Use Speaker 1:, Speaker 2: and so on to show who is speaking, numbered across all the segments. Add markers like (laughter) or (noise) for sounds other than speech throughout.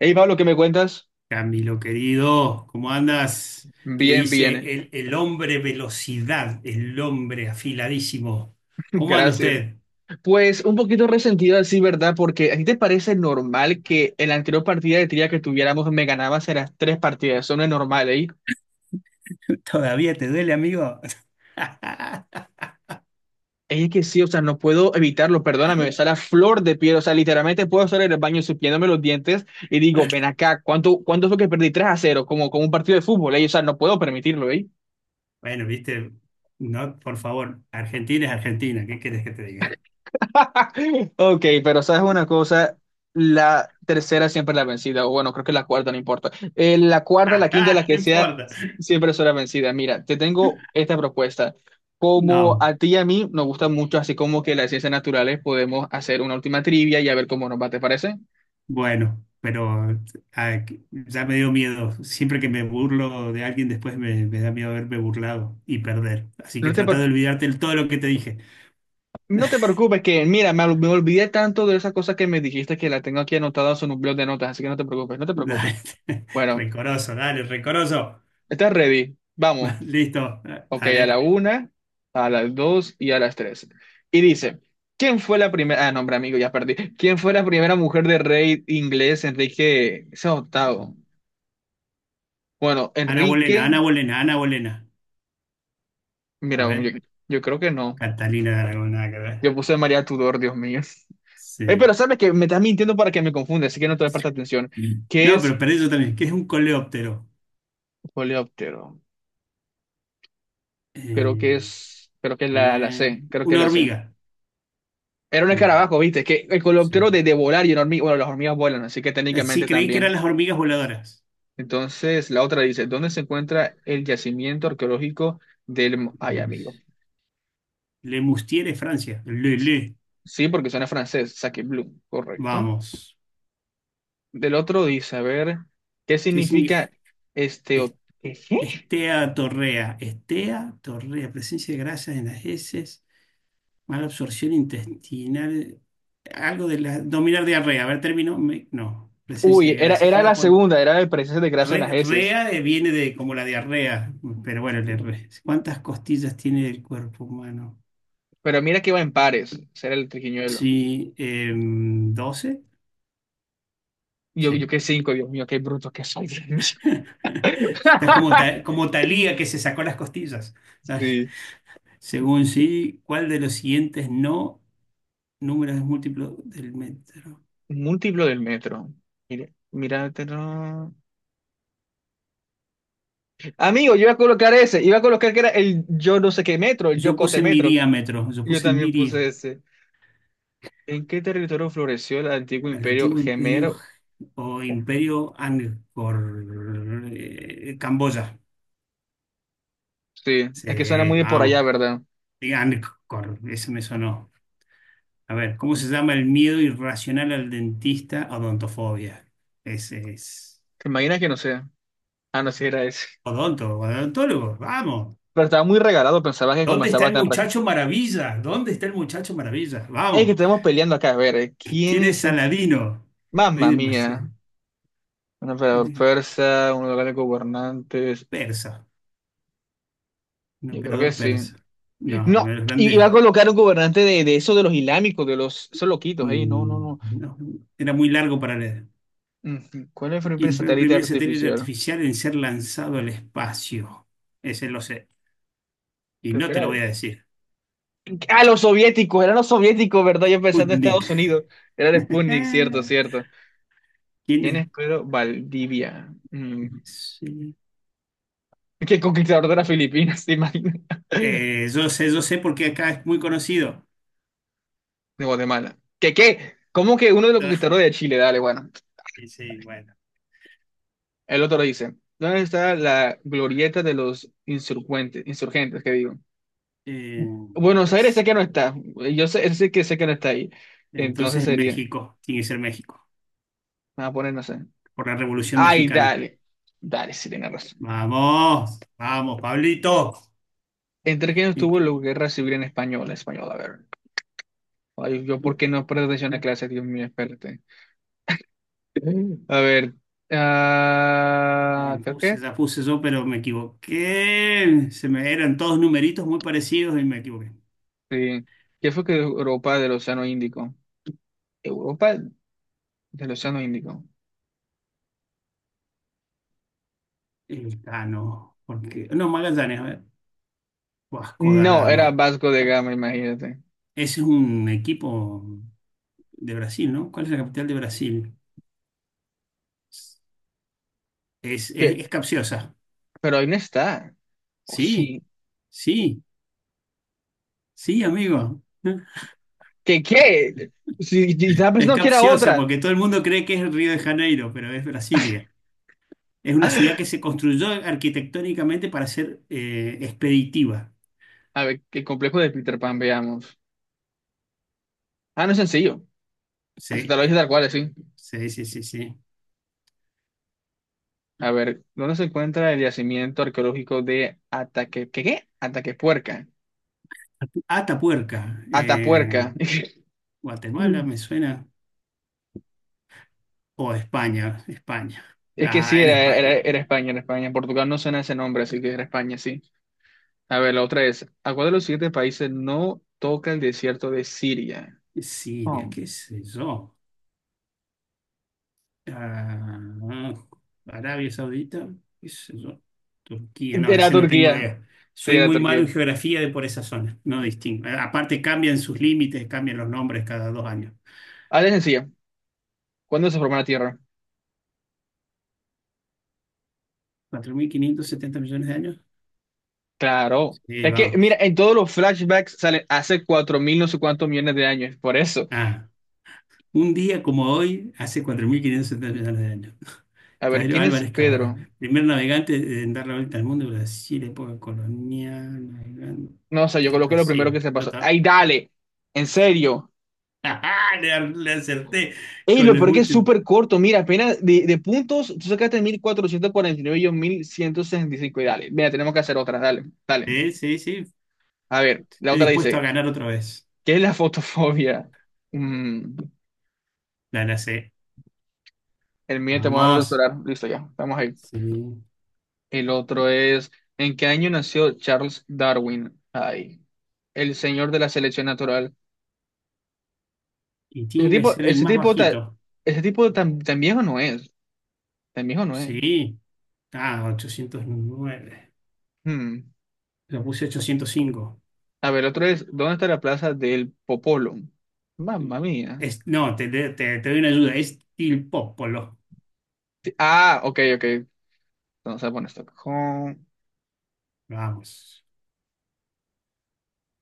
Speaker 1: Hey Pablo, ¿qué me cuentas?
Speaker 2: Camilo querido, ¿cómo andas? Que
Speaker 1: Bien,
Speaker 2: dice
Speaker 1: bien,
Speaker 2: el hombre velocidad, el hombre afiladísimo.
Speaker 1: (laughs)
Speaker 2: ¿Cómo anda
Speaker 1: gracias.
Speaker 2: usted?
Speaker 1: Pues un poquito resentido así, ¿verdad? Porque ¿a ti te parece normal que en la anterior partida de trivia que tuviéramos me ganabas en las tres partidas? Eso no es normal, ¿eh?
Speaker 2: ¿Todavía te duele, amigo? (laughs)
Speaker 1: Es que sí, o sea, no puedo evitarlo, perdóname, me sale a flor de piel, o sea, literalmente puedo estar en el baño supiéndome los dientes y digo, ven acá, ¿cuánto fue que perdí 3-0, como un partido de fútbol, ¿eh? O sea, no puedo permitirlo, ¿eh?
Speaker 2: Bueno, viste, no, por favor, Argentina es Argentina, ¿qué quieres que te diga?
Speaker 1: (laughs) Ok, pero sabes una cosa, la tercera siempre es la vencida, o bueno, creo que la cuarta, no importa. La cuarta, la quinta, la
Speaker 2: (laughs) No
Speaker 1: que sea,
Speaker 2: importa.
Speaker 1: siempre es la vencida. Mira, te tengo esta propuesta. Como
Speaker 2: No,
Speaker 1: a ti y a mí nos gusta mucho, así como que las ciencias naturales, podemos hacer una última trivia y a ver cómo nos va, ¿te parece?
Speaker 2: bueno, pero ya me dio miedo. Siempre que me burlo de alguien, después me da miedo haberme burlado y perder. Así
Speaker 1: No
Speaker 2: que
Speaker 1: te,
Speaker 2: trata
Speaker 1: pre-
Speaker 2: de olvidarte de todo lo que te
Speaker 1: no te preocupes, que mira, me olvidé tanto de esas cosas que me dijiste que la tengo aquí anotada en un blog de notas, así que no te preocupes, no te preocupes.
Speaker 2: dale. (laughs)
Speaker 1: Bueno,
Speaker 2: Rencoroso, dale, rencoroso.
Speaker 1: estás ready,
Speaker 2: (laughs)
Speaker 1: vamos.
Speaker 2: Va, listo,
Speaker 1: Ok, a la
Speaker 2: dale.
Speaker 1: una, a las dos y a las tres. Y dice, ¿quién fue la primera? Ah, nombre amigo, ya perdí. ¿Quién fue la primera mujer de rey inglés, Enrique ese octavo? Bueno,
Speaker 2: Ana Bolena,
Speaker 1: Enrique,
Speaker 2: Ana Bolena, Ana Bolena. A
Speaker 1: mira,
Speaker 2: ver,
Speaker 1: yo creo que no.
Speaker 2: Catalina de Aragón, nada que ver.
Speaker 1: Yo puse María Tudor, Dios mío. Pero
Speaker 2: Sí.
Speaker 1: sabes que me estás mintiendo para que me confunda, así que no te presta atención. ¿Qué
Speaker 2: No,
Speaker 1: es
Speaker 2: pero perdí yo también. ¿Qué es un coleóptero?
Speaker 1: coleóptero? Creo que
Speaker 2: Eh,
Speaker 1: es, creo que es la
Speaker 2: eh,
Speaker 1: C, creo que es
Speaker 2: una
Speaker 1: la C.
Speaker 2: hormiga.
Speaker 1: Era un
Speaker 2: Uy,
Speaker 1: escarabajo, ¿viste? Que el coleóptero
Speaker 2: sí.
Speaker 1: de volar y una hormiga, bueno, las hormigas vuelan, así que
Speaker 2: Sí,
Speaker 1: técnicamente
Speaker 2: creí que eran
Speaker 1: también.
Speaker 2: las hormigas voladoras.
Speaker 1: Entonces, la otra dice, ¿dónde se encuentra el yacimiento arqueológico del... Ay,
Speaker 2: Lemus-
Speaker 1: amigo.
Speaker 2: Lemustier, Francia. Le, le.
Speaker 1: Sí, porque suena francés, Sacagbleu, correcto.
Speaker 2: Vamos.
Speaker 1: Del otro dice, a ver, ¿qué
Speaker 2: ¿Qué significa?
Speaker 1: significa este... ¿Qué?
Speaker 2: Estea torrea. Estea torrea. Presencia de grasas en las heces. Mala absorción intestinal. Algo de la. Dominar diarrea. A ver, término. No. Presencia
Speaker 1: Uy,
Speaker 2: de
Speaker 1: era,
Speaker 2: gracias.
Speaker 1: era la
Speaker 2: Iba por.
Speaker 1: segunda, era de presencia de grasa en las heces.
Speaker 2: Rea, viene de como la diarrea. Pero bueno, ¿cuántas costillas tiene el cuerpo humano?
Speaker 1: Pero mira que va en pares, será el triquiñuelo.
Speaker 2: Sí. ¿12?
Speaker 1: Yo
Speaker 2: Sí.
Speaker 1: qué cinco, Dios mío, qué bruto que soy. Dios mío.
Speaker 2: (laughs) Estás como,
Speaker 1: (laughs)
Speaker 2: como Talía que se sacó las costillas. Dale.
Speaker 1: Sí.
Speaker 2: Según sí, ¿cuál de los siguientes no números es múltiplo del metro?
Speaker 1: Múltiplo del metro. Mira, mira, Amigo, yo iba a colocar ese, iba a colocar que era el yo no sé qué metro, el
Speaker 2: Yo
Speaker 1: Yocote
Speaker 2: puse
Speaker 1: metro.
Speaker 2: miriámetro. Yo
Speaker 1: Y yo
Speaker 2: puse
Speaker 1: también
Speaker 2: mirie.
Speaker 1: puse ese. ¿En qué territorio floreció el antiguo
Speaker 2: El
Speaker 1: imperio
Speaker 2: antiguo imperio
Speaker 1: gemero?
Speaker 2: o imperio Angkor, Camboya.
Speaker 1: Sí, es que suena
Speaker 2: Sí,
Speaker 1: muy de por allá,
Speaker 2: vamos.
Speaker 1: ¿verdad?
Speaker 2: Y Angkor, eso me sonó. A ver, ¿cómo se llama el miedo irracional al dentista? Odontofobia. Ese es.
Speaker 1: ¿Te imaginas que no sea? Ah, no, sí era ese.
Speaker 2: Odontólogo, vamos.
Speaker 1: Pero estaba muy regalado, pensaba que
Speaker 2: ¿Dónde está
Speaker 1: conversaba
Speaker 2: el
Speaker 1: tan rápido.
Speaker 2: muchacho maravilla? ¿Dónde está el muchacho maravilla?
Speaker 1: Es que
Speaker 2: Vamos.
Speaker 1: estamos peleando acá, a ver, ¿eh? ¿Quién
Speaker 2: ¿Quién es
Speaker 1: es el...
Speaker 2: Saladino? Rey
Speaker 1: Mamma
Speaker 2: de
Speaker 1: mía,
Speaker 2: Macedonia.
Speaker 1: un emperador persa, un lugar de gobernantes.
Speaker 2: Persa, un
Speaker 1: Yo creo que
Speaker 2: emperador
Speaker 1: sí.
Speaker 2: persa. No, uno de
Speaker 1: No,
Speaker 2: los
Speaker 1: iba a
Speaker 2: grandes.
Speaker 1: colocar un gobernante de eso de los islámicos, de los, esos loquitos, ey, no, no,
Speaker 2: Mm,
Speaker 1: no.
Speaker 2: no, era muy largo para leer.
Speaker 1: Ujú. ¿Cuál fue el
Speaker 2: Y
Speaker 1: primer
Speaker 2: fue el
Speaker 1: satélite
Speaker 2: primer satélite
Speaker 1: artificial?
Speaker 2: artificial en ser lanzado al espacio. Ese lo sé. Y
Speaker 1: Creo
Speaker 2: no
Speaker 1: que
Speaker 2: te
Speaker 1: era
Speaker 2: lo voy
Speaker 1: él.
Speaker 2: a decir.
Speaker 1: Ah, los soviéticos, eran los soviéticos, ¿verdad? Yo pensando en
Speaker 2: Sputnik.
Speaker 1: Estados Unidos. Era el Sputnik,
Speaker 2: (laughs)
Speaker 1: cierto, cierto.
Speaker 2: ¿Quién
Speaker 1: ¿Quién
Speaker 2: es?
Speaker 1: es Pedro Valdivia? Mm.
Speaker 2: Sí.
Speaker 1: ¿Qué conquistador de las Filipinas, te imaginas? (laughs)
Speaker 2: Yo sé porque acá es muy conocido.
Speaker 1: De Guatemala. ¿Qué? ¿Cómo que uno de los
Speaker 2: Ah,
Speaker 1: conquistadores de Chile? Dale, bueno.
Speaker 2: y sí, bueno.
Speaker 1: El otro dice, ¿dónde está la glorieta de los insurgentes? Insurgentes, qué digo.
Speaker 2: Eh,
Speaker 1: Buenos Aires sé que no está. Yo sé, sé que no está ahí. Entonces
Speaker 2: entonces en
Speaker 1: sería, me
Speaker 2: México, tiene que ser México,
Speaker 1: voy a poner, no sé.
Speaker 2: por la Revolución
Speaker 1: Ay,
Speaker 2: Mexicana.
Speaker 1: dale. Dale, sí, tienes razón.
Speaker 2: Vamos, vamos, Pablito.
Speaker 1: ¿Entre quién estuvo la guerra civil en español? En español, a ver. Ay, yo, ¿por qué no presto atención a clase? Dios mío, espérate. A ver. Ah, creo que
Speaker 2: Puse, ya puse yo, pero me equivoqué. Se me eran todos numeritos muy parecidos y me equivoqué.
Speaker 1: sí. ¿Qué fue que Europa del Océano Índico? ¿Europa del Océano Índico?
Speaker 2: Elcano, porque. No, Magallanes, a ver. Vasco da
Speaker 1: No, era
Speaker 2: Gama.
Speaker 1: Vasco de Gama, imagínate.
Speaker 2: Ese es un equipo de Brasil, ¿no? ¿Cuál es la capital de Brasil? Es,
Speaker 1: ¿Qué?
Speaker 2: es, es capciosa.
Speaker 1: Pero ahí no está. ¿O
Speaker 2: Sí,
Speaker 1: sí?
Speaker 2: sí, sí, amigo. (laughs)
Speaker 1: ¿Qué? Si estaba
Speaker 2: Es
Speaker 1: pensando que era
Speaker 2: capciosa
Speaker 1: otra.
Speaker 2: porque todo el mundo cree que es Río de Janeiro, pero es Brasilia. Es una ciudad que se
Speaker 1: (laughs)
Speaker 2: construyó arquitectónicamente para ser expeditiva.
Speaker 1: A ver, qué complejo de Peter Pan, veamos. Ah, no es sencillo. Se
Speaker 2: Sí.
Speaker 1: te lo dije tal cual, sí.
Speaker 2: Sí, sí, sí, sí.
Speaker 1: A ver, ¿dónde se encuentra el yacimiento arqueológico de Ataque... ¿Qué? Ataquepuerca.
Speaker 2: Atapuerca,
Speaker 1: Atapuerca. (laughs)
Speaker 2: Guatemala me suena, o España, España.
Speaker 1: Es que sí,
Speaker 2: Ah, era
Speaker 1: era, era,
Speaker 2: España.
Speaker 1: era España, era España. En Portugal no suena ese nombre, así que era España, sí. A ver, la otra es, ¿a cuál de los siguientes países no toca el desierto de Siria?
Speaker 2: Siria,
Speaker 1: Oh.
Speaker 2: qué sé yo. Ah, Arabia Saudita, qué sé yo. Turquía, no,
Speaker 1: Era
Speaker 2: ese no tengo
Speaker 1: Turquía.
Speaker 2: idea.
Speaker 1: Sí,
Speaker 2: Soy
Speaker 1: era
Speaker 2: muy malo
Speaker 1: Turquía.
Speaker 2: en geografía de por esa zona, no distingo. Aparte cambian sus límites, cambian los nombres cada dos años.
Speaker 1: Ahora es sencilla. ¿Cuándo se formó la Tierra?
Speaker 2: ¿Cuatro mil quinientos setenta millones de años?
Speaker 1: Claro.
Speaker 2: Sí,
Speaker 1: Es que, mira,
Speaker 2: vamos.
Speaker 1: en todos los flashbacks sale hace cuatro mil no sé cuántos millones de años. Por eso.
Speaker 2: Ah, un día como hoy, hace 4.570 millones de años.
Speaker 1: A ver,
Speaker 2: Pedro
Speaker 1: ¿quién es
Speaker 2: Álvarez Cabral,
Speaker 1: Pedro?
Speaker 2: primer navegante en dar la vuelta al mundo, Brasil, época colonial,
Speaker 1: No, o sea, yo
Speaker 2: navegante,
Speaker 1: coloqué lo primero que
Speaker 2: Brasil.
Speaker 1: se
Speaker 2: Ya
Speaker 1: pasó.
Speaker 2: está.
Speaker 1: ¡Ay, dale! En serio.
Speaker 2: (laughs) Le acerté
Speaker 1: Ey,
Speaker 2: con
Speaker 1: lo
Speaker 2: los
Speaker 1: peor que es
Speaker 2: últimos.
Speaker 1: súper corto. Mira, apenas de puntos, tú sacaste 1449 y yo 1165. Y cinco. Y dale, mira, tenemos que hacer otra. Dale, dale.
Speaker 2: Sí, sí,
Speaker 1: A ver, la
Speaker 2: estoy
Speaker 1: otra
Speaker 2: dispuesto a
Speaker 1: dice,
Speaker 2: ganar otra vez.
Speaker 1: ¿qué es la fotofobia? Mm,
Speaker 2: La la sé.
Speaker 1: el miedo y temor al
Speaker 2: Vamos.
Speaker 1: solar. Listo, ya, estamos ahí.
Speaker 2: Sí.
Speaker 1: El otro es, ¿en qué año nació Charles Darwin? Ay, el señor de la selección natural.
Speaker 2: Y
Speaker 1: Ese
Speaker 2: tiene que
Speaker 1: tipo,
Speaker 2: ser el
Speaker 1: ese
Speaker 2: más
Speaker 1: tipo, ta-
Speaker 2: bajito.
Speaker 1: Ese tipo tan, tan viejo no es. Tan viejo no es.
Speaker 2: Sí. Ah, 809.
Speaker 1: Hmm.
Speaker 2: Lo puse 805.
Speaker 1: A ver, el otro es, ¿dónde está la plaza del Popolo? Mamma mía.
Speaker 2: Es, no, te doy una ayuda. Es Tilpópolo.
Speaker 1: Sí, ah, ok, ok. Entonces, bueno, Estocolmo.
Speaker 2: Vamos.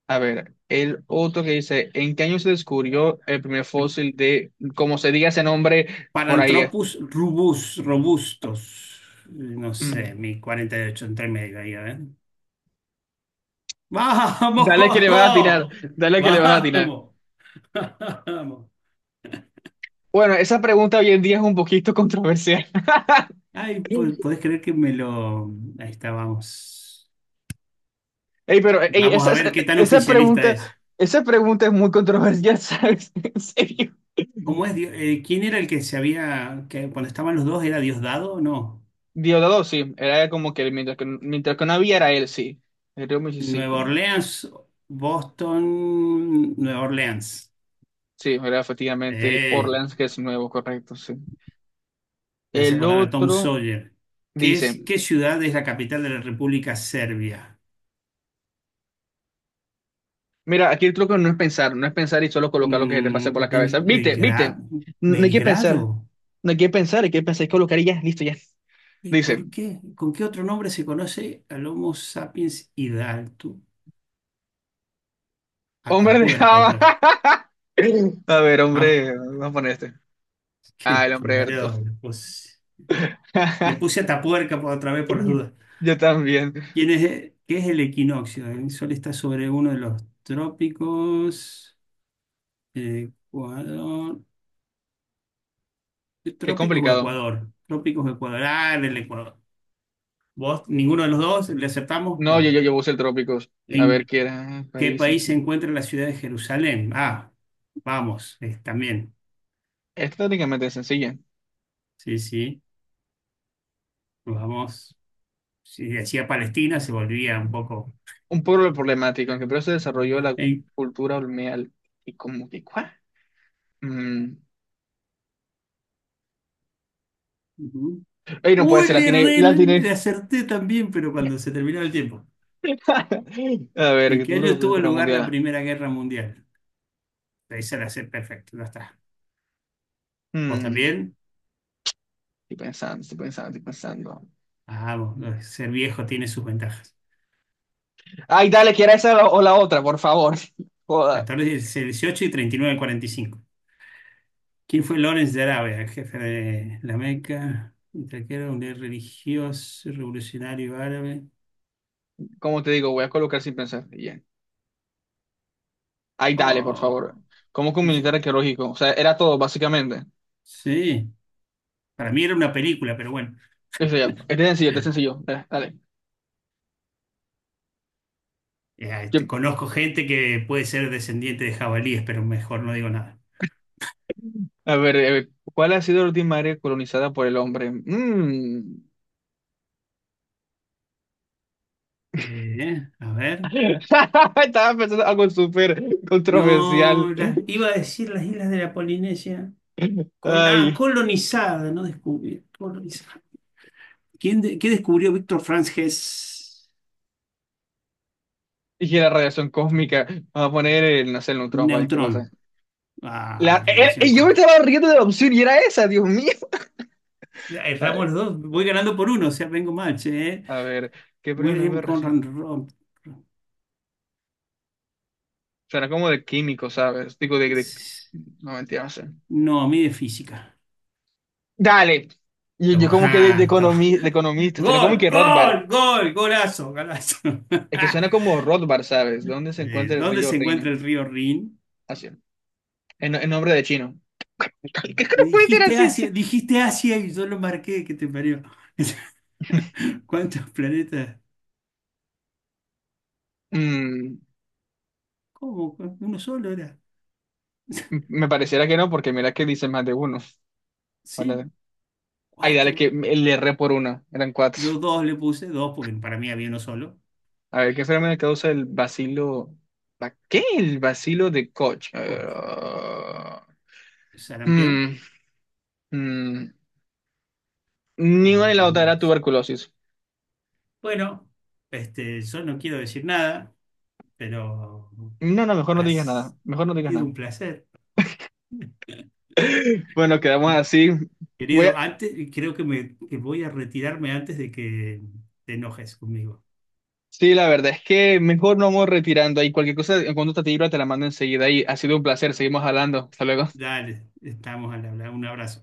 Speaker 1: A ver, el otro que dice, ¿en qué año se descubrió el primer fósil de, como se diga ese nombre, por ahí es?
Speaker 2: Paranthropus rubus, robustos. No sé,
Speaker 1: Mm.
Speaker 2: mi 48 entre medio ahí, a ver.
Speaker 1: Dale que le vas a
Speaker 2: ¡Vamos!
Speaker 1: tirar,
Speaker 2: (laughs)
Speaker 1: dale que le vas a tirar.
Speaker 2: ¡Vamos! ¡Vamos!
Speaker 1: Bueno, esa pregunta hoy en día es un poquito controversial.
Speaker 2: Ay,
Speaker 1: (laughs)
Speaker 2: podés creer que me lo... Ahí está, vamos.
Speaker 1: Ey, pero ey,
Speaker 2: Vamos a
Speaker 1: esa, esa
Speaker 2: ver qué tan
Speaker 1: esa
Speaker 2: oficialista
Speaker 1: pregunta,
Speaker 2: es.
Speaker 1: esa pregunta es muy controversial, (laughs) ¿sabes? En serio.
Speaker 2: ¿Cómo es? ¿Quién era el que se había... que cuando estaban los dos era Diosdado o no?
Speaker 1: Diosdado, sí, era como que mientras que no había era él, sí. El río
Speaker 2: Nueva
Speaker 1: Mississippi.
Speaker 2: Orleans, Boston, Nueva Orleans.
Speaker 1: Sí, era efectivamente el
Speaker 2: Eh.
Speaker 1: Orleans que es nuevo, correcto, sí.
Speaker 2: Me hace
Speaker 1: El
Speaker 2: acordar a Tom
Speaker 1: otro
Speaker 2: Sawyer. ¿Qué es,
Speaker 1: dice,
Speaker 2: qué ciudad es la capital de la República Serbia?
Speaker 1: mira, aquí el truco no es pensar, no es pensar y solo colocar lo que se te pase por la
Speaker 2: Mm,
Speaker 1: cabeza. Viste, viste,
Speaker 2: Belgrado.
Speaker 1: no hay que pensar,
Speaker 2: ¿Belgrado?
Speaker 1: no hay que pensar, hay que pensar y colocar y ya, listo, ya.
Speaker 2: ¿Y
Speaker 1: Dice,
Speaker 2: por qué? ¿Con qué otro nombre se conoce al Homo sapiens hidalgo?
Speaker 1: hombre de
Speaker 2: Atapuerca otra
Speaker 1: Java.
Speaker 2: vez.
Speaker 1: (laughs) A ver,
Speaker 2: Vamos,
Speaker 1: hombre, vamos a poner este.
Speaker 2: (laughs)
Speaker 1: Ah,
Speaker 2: qué
Speaker 1: el hombre Berto.
Speaker 2: mareo le puse. Le puse
Speaker 1: (laughs)
Speaker 2: Atapuerca por otra vez por las dudas.
Speaker 1: Yo también.
Speaker 2: ¿Quién es, qué es el equinoccio? El sol está sobre uno de los trópicos. Ecuador.
Speaker 1: Qué
Speaker 2: Trópicos o
Speaker 1: complicado.
Speaker 2: Ecuador. Trópicos o Ecuador. Ah, en el Ecuador. ¿Vos, ninguno de los dos, le aceptamos?
Speaker 1: No,
Speaker 2: No.
Speaker 1: yo puse el Trópicos. A ver
Speaker 2: ¿En
Speaker 1: qué era.
Speaker 2: qué
Speaker 1: País.
Speaker 2: país se encuentra la ciudad de Jerusalén? Ah, vamos, también.
Speaker 1: Es técnicamente sencilla.
Speaker 2: Sí, sí, vamos. Si decía Palestina, se volvía un poco.
Speaker 1: Un pueblo problemático, aunque primero se desarrolló la
Speaker 2: ¿En-
Speaker 1: cultura olmeal. Y como que, ¿cuál? Mm.
Speaker 2: ujú.
Speaker 1: Ey, no puede
Speaker 2: Uy,
Speaker 1: ser, la
Speaker 2: le,
Speaker 1: tiene,
Speaker 2: erré,
Speaker 1: la tiene.
Speaker 2: le acerté también, pero cuando se terminó el tiempo.
Speaker 1: (laughs) A ver,
Speaker 2: ¿En
Speaker 1: que
Speaker 2: qué
Speaker 1: tuvo la
Speaker 2: año
Speaker 1: Primera
Speaker 2: tuvo
Speaker 1: Guerra
Speaker 2: lugar la
Speaker 1: Mundial.
Speaker 2: Primera Guerra Mundial? Esa la sé perfecto, ya está. ¿Vos
Speaker 1: Mm,
Speaker 2: también?
Speaker 1: estoy pensando, estoy pensando, estoy pensando.
Speaker 2: Ah, vos, ser viejo tiene sus ventajas.
Speaker 1: Ay, dale, que era esa la- o la otra, por favor. (laughs) Joda.
Speaker 2: 14, 18 y 39 al 45. ¿Quién fue Lawrence de Arabia, jefe de la Meca, un traquero, un líder religioso, revolucionario árabe?
Speaker 1: Como te digo, voy a colocar sin pensar. Y ya. Ay, dale, por favor.
Speaker 2: Oh,
Speaker 1: ¿Cómo que un militar
Speaker 2: eso-
Speaker 1: arqueológico? O sea, era todo, básicamente.
Speaker 2: sí, para mí era una película, pero bueno.
Speaker 1: Eso ya. Este es sencillo, este es sencillo. Dale. Dale.
Speaker 2: Este,
Speaker 1: Yo-
Speaker 2: conozco gente que puede ser descendiente de jabalíes, pero mejor no digo nada.
Speaker 1: a ver, ¿cuál ha sido la última área colonizada por el hombre? Mm.
Speaker 2: A ver.
Speaker 1: (laughs) Estaba pensando algo súper controversial.
Speaker 2: No, iba a decir las islas de la Polinesia. Ah,
Speaker 1: Ay,
Speaker 2: colonizada, no descubrí. Colonizada. ¿Qué descubrió Víctor Franz Hess?
Speaker 1: y la radiación cósmica. Vamos a poner el, no sé, el neutrón, vaya, ¿qué pasa?
Speaker 2: Neutrón. Ah,
Speaker 1: La,
Speaker 2: radiación
Speaker 1: yo me
Speaker 2: cósmica.
Speaker 1: estaba riendo de la opción y era esa, Dios mío. Ay,
Speaker 2: Erramos los dos. Voy ganando por uno, o sea, vengo mal, che, ¿eh?
Speaker 1: a ver, ¿qué premio
Speaker 2: Wilhelm
Speaker 1: Nobel recién?
Speaker 2: Conrad
Speaker 1: Será como de químico, ¿sabes? Digo, No, mentira, no sé.
Speaker 2: No, a mí de física.
Speaker 1: Dale. Yo
Speaker 2: Toma,
Speaker 1: como que de
Speaker 2: (laughs) ajá,
Speaker 1: economista, de economista, será como
Speaker 2: gol,
Speaker 1: que Rothbard.
Speaker 2: gol, gol, golazo, golazo.
Speaker 1: Es que suena
Speaker 2: (laughs)
Speaker 1: como Rothbard, ¿sabes? ¿Dónde se encuentra el
Speaker 2: ¿Dónde
Speaker 1: río
Speaker 2: se encuentra
Speaker 1: Rin?
Speaker 2: el río Rin?
Speaker 1: Así, en nombre de chino. (laughs) ¿Qué que
Speaker 2: Me
Speaker 1: no puede ser así? ¿Sí?
Speaker 2: Dijiste Asia y yo lo marqué, que te parió. (laughs) ¿Cuántos planetas?
Speaker 1: Mm,
Speaker 2: ¿Cómo? ¿Uno solo era?
Speaker 1: me pareciera que no, porque mira que dice más de uno.
Speaker 2: Sí,
Speaker 1: Ahora- Ay, dale,
Speaker 2: cuatro.
Speaker 1: que me- le erré por una. Eran cuatro.
Speaker 2: Yo dos le puse, dos, porque para mí había uno solo.
Speaker 1: A ver, ¿qué fenómeno causa el bacilo? ¿Qué? El bacilo de Koch.
Speaker 2: Ocho.
Speaker 1: Ah,
Speaker 2: Sarampión,
Speaker 1: mm, mm. Ni una ni la otra era
Speaker 2: tuberculosis.
Speaker 1: tuberculosis.
Speaker 2: Bueno, este, yo no quiero decir nada, pero
Speaker 1: No, no, mejor no
Speaker 2: ha
Speaker 1: digas nada. Mejor no digas
Speaker 2: sido
Speaker 1: nada.
Speaker 2: un placer.
Speaker 1: Bueno, quedamos
Speaker 2: ¿No?
Speaker 1: así. Voy a-
Speaker 2: Querido, antes, creo que me que voy a retirarme antes de que te enojes conmigo.
Speaker 1: Sí, la verdad es que mejor no vamos retirando ahí. Cualquier cosa, en cuanto te libra, te la mando enseguida. Y ha sido un placer. Seguimos hablando. Hasta luego.
Speaker 2: Dale, estamos al hablar. Un abrazo.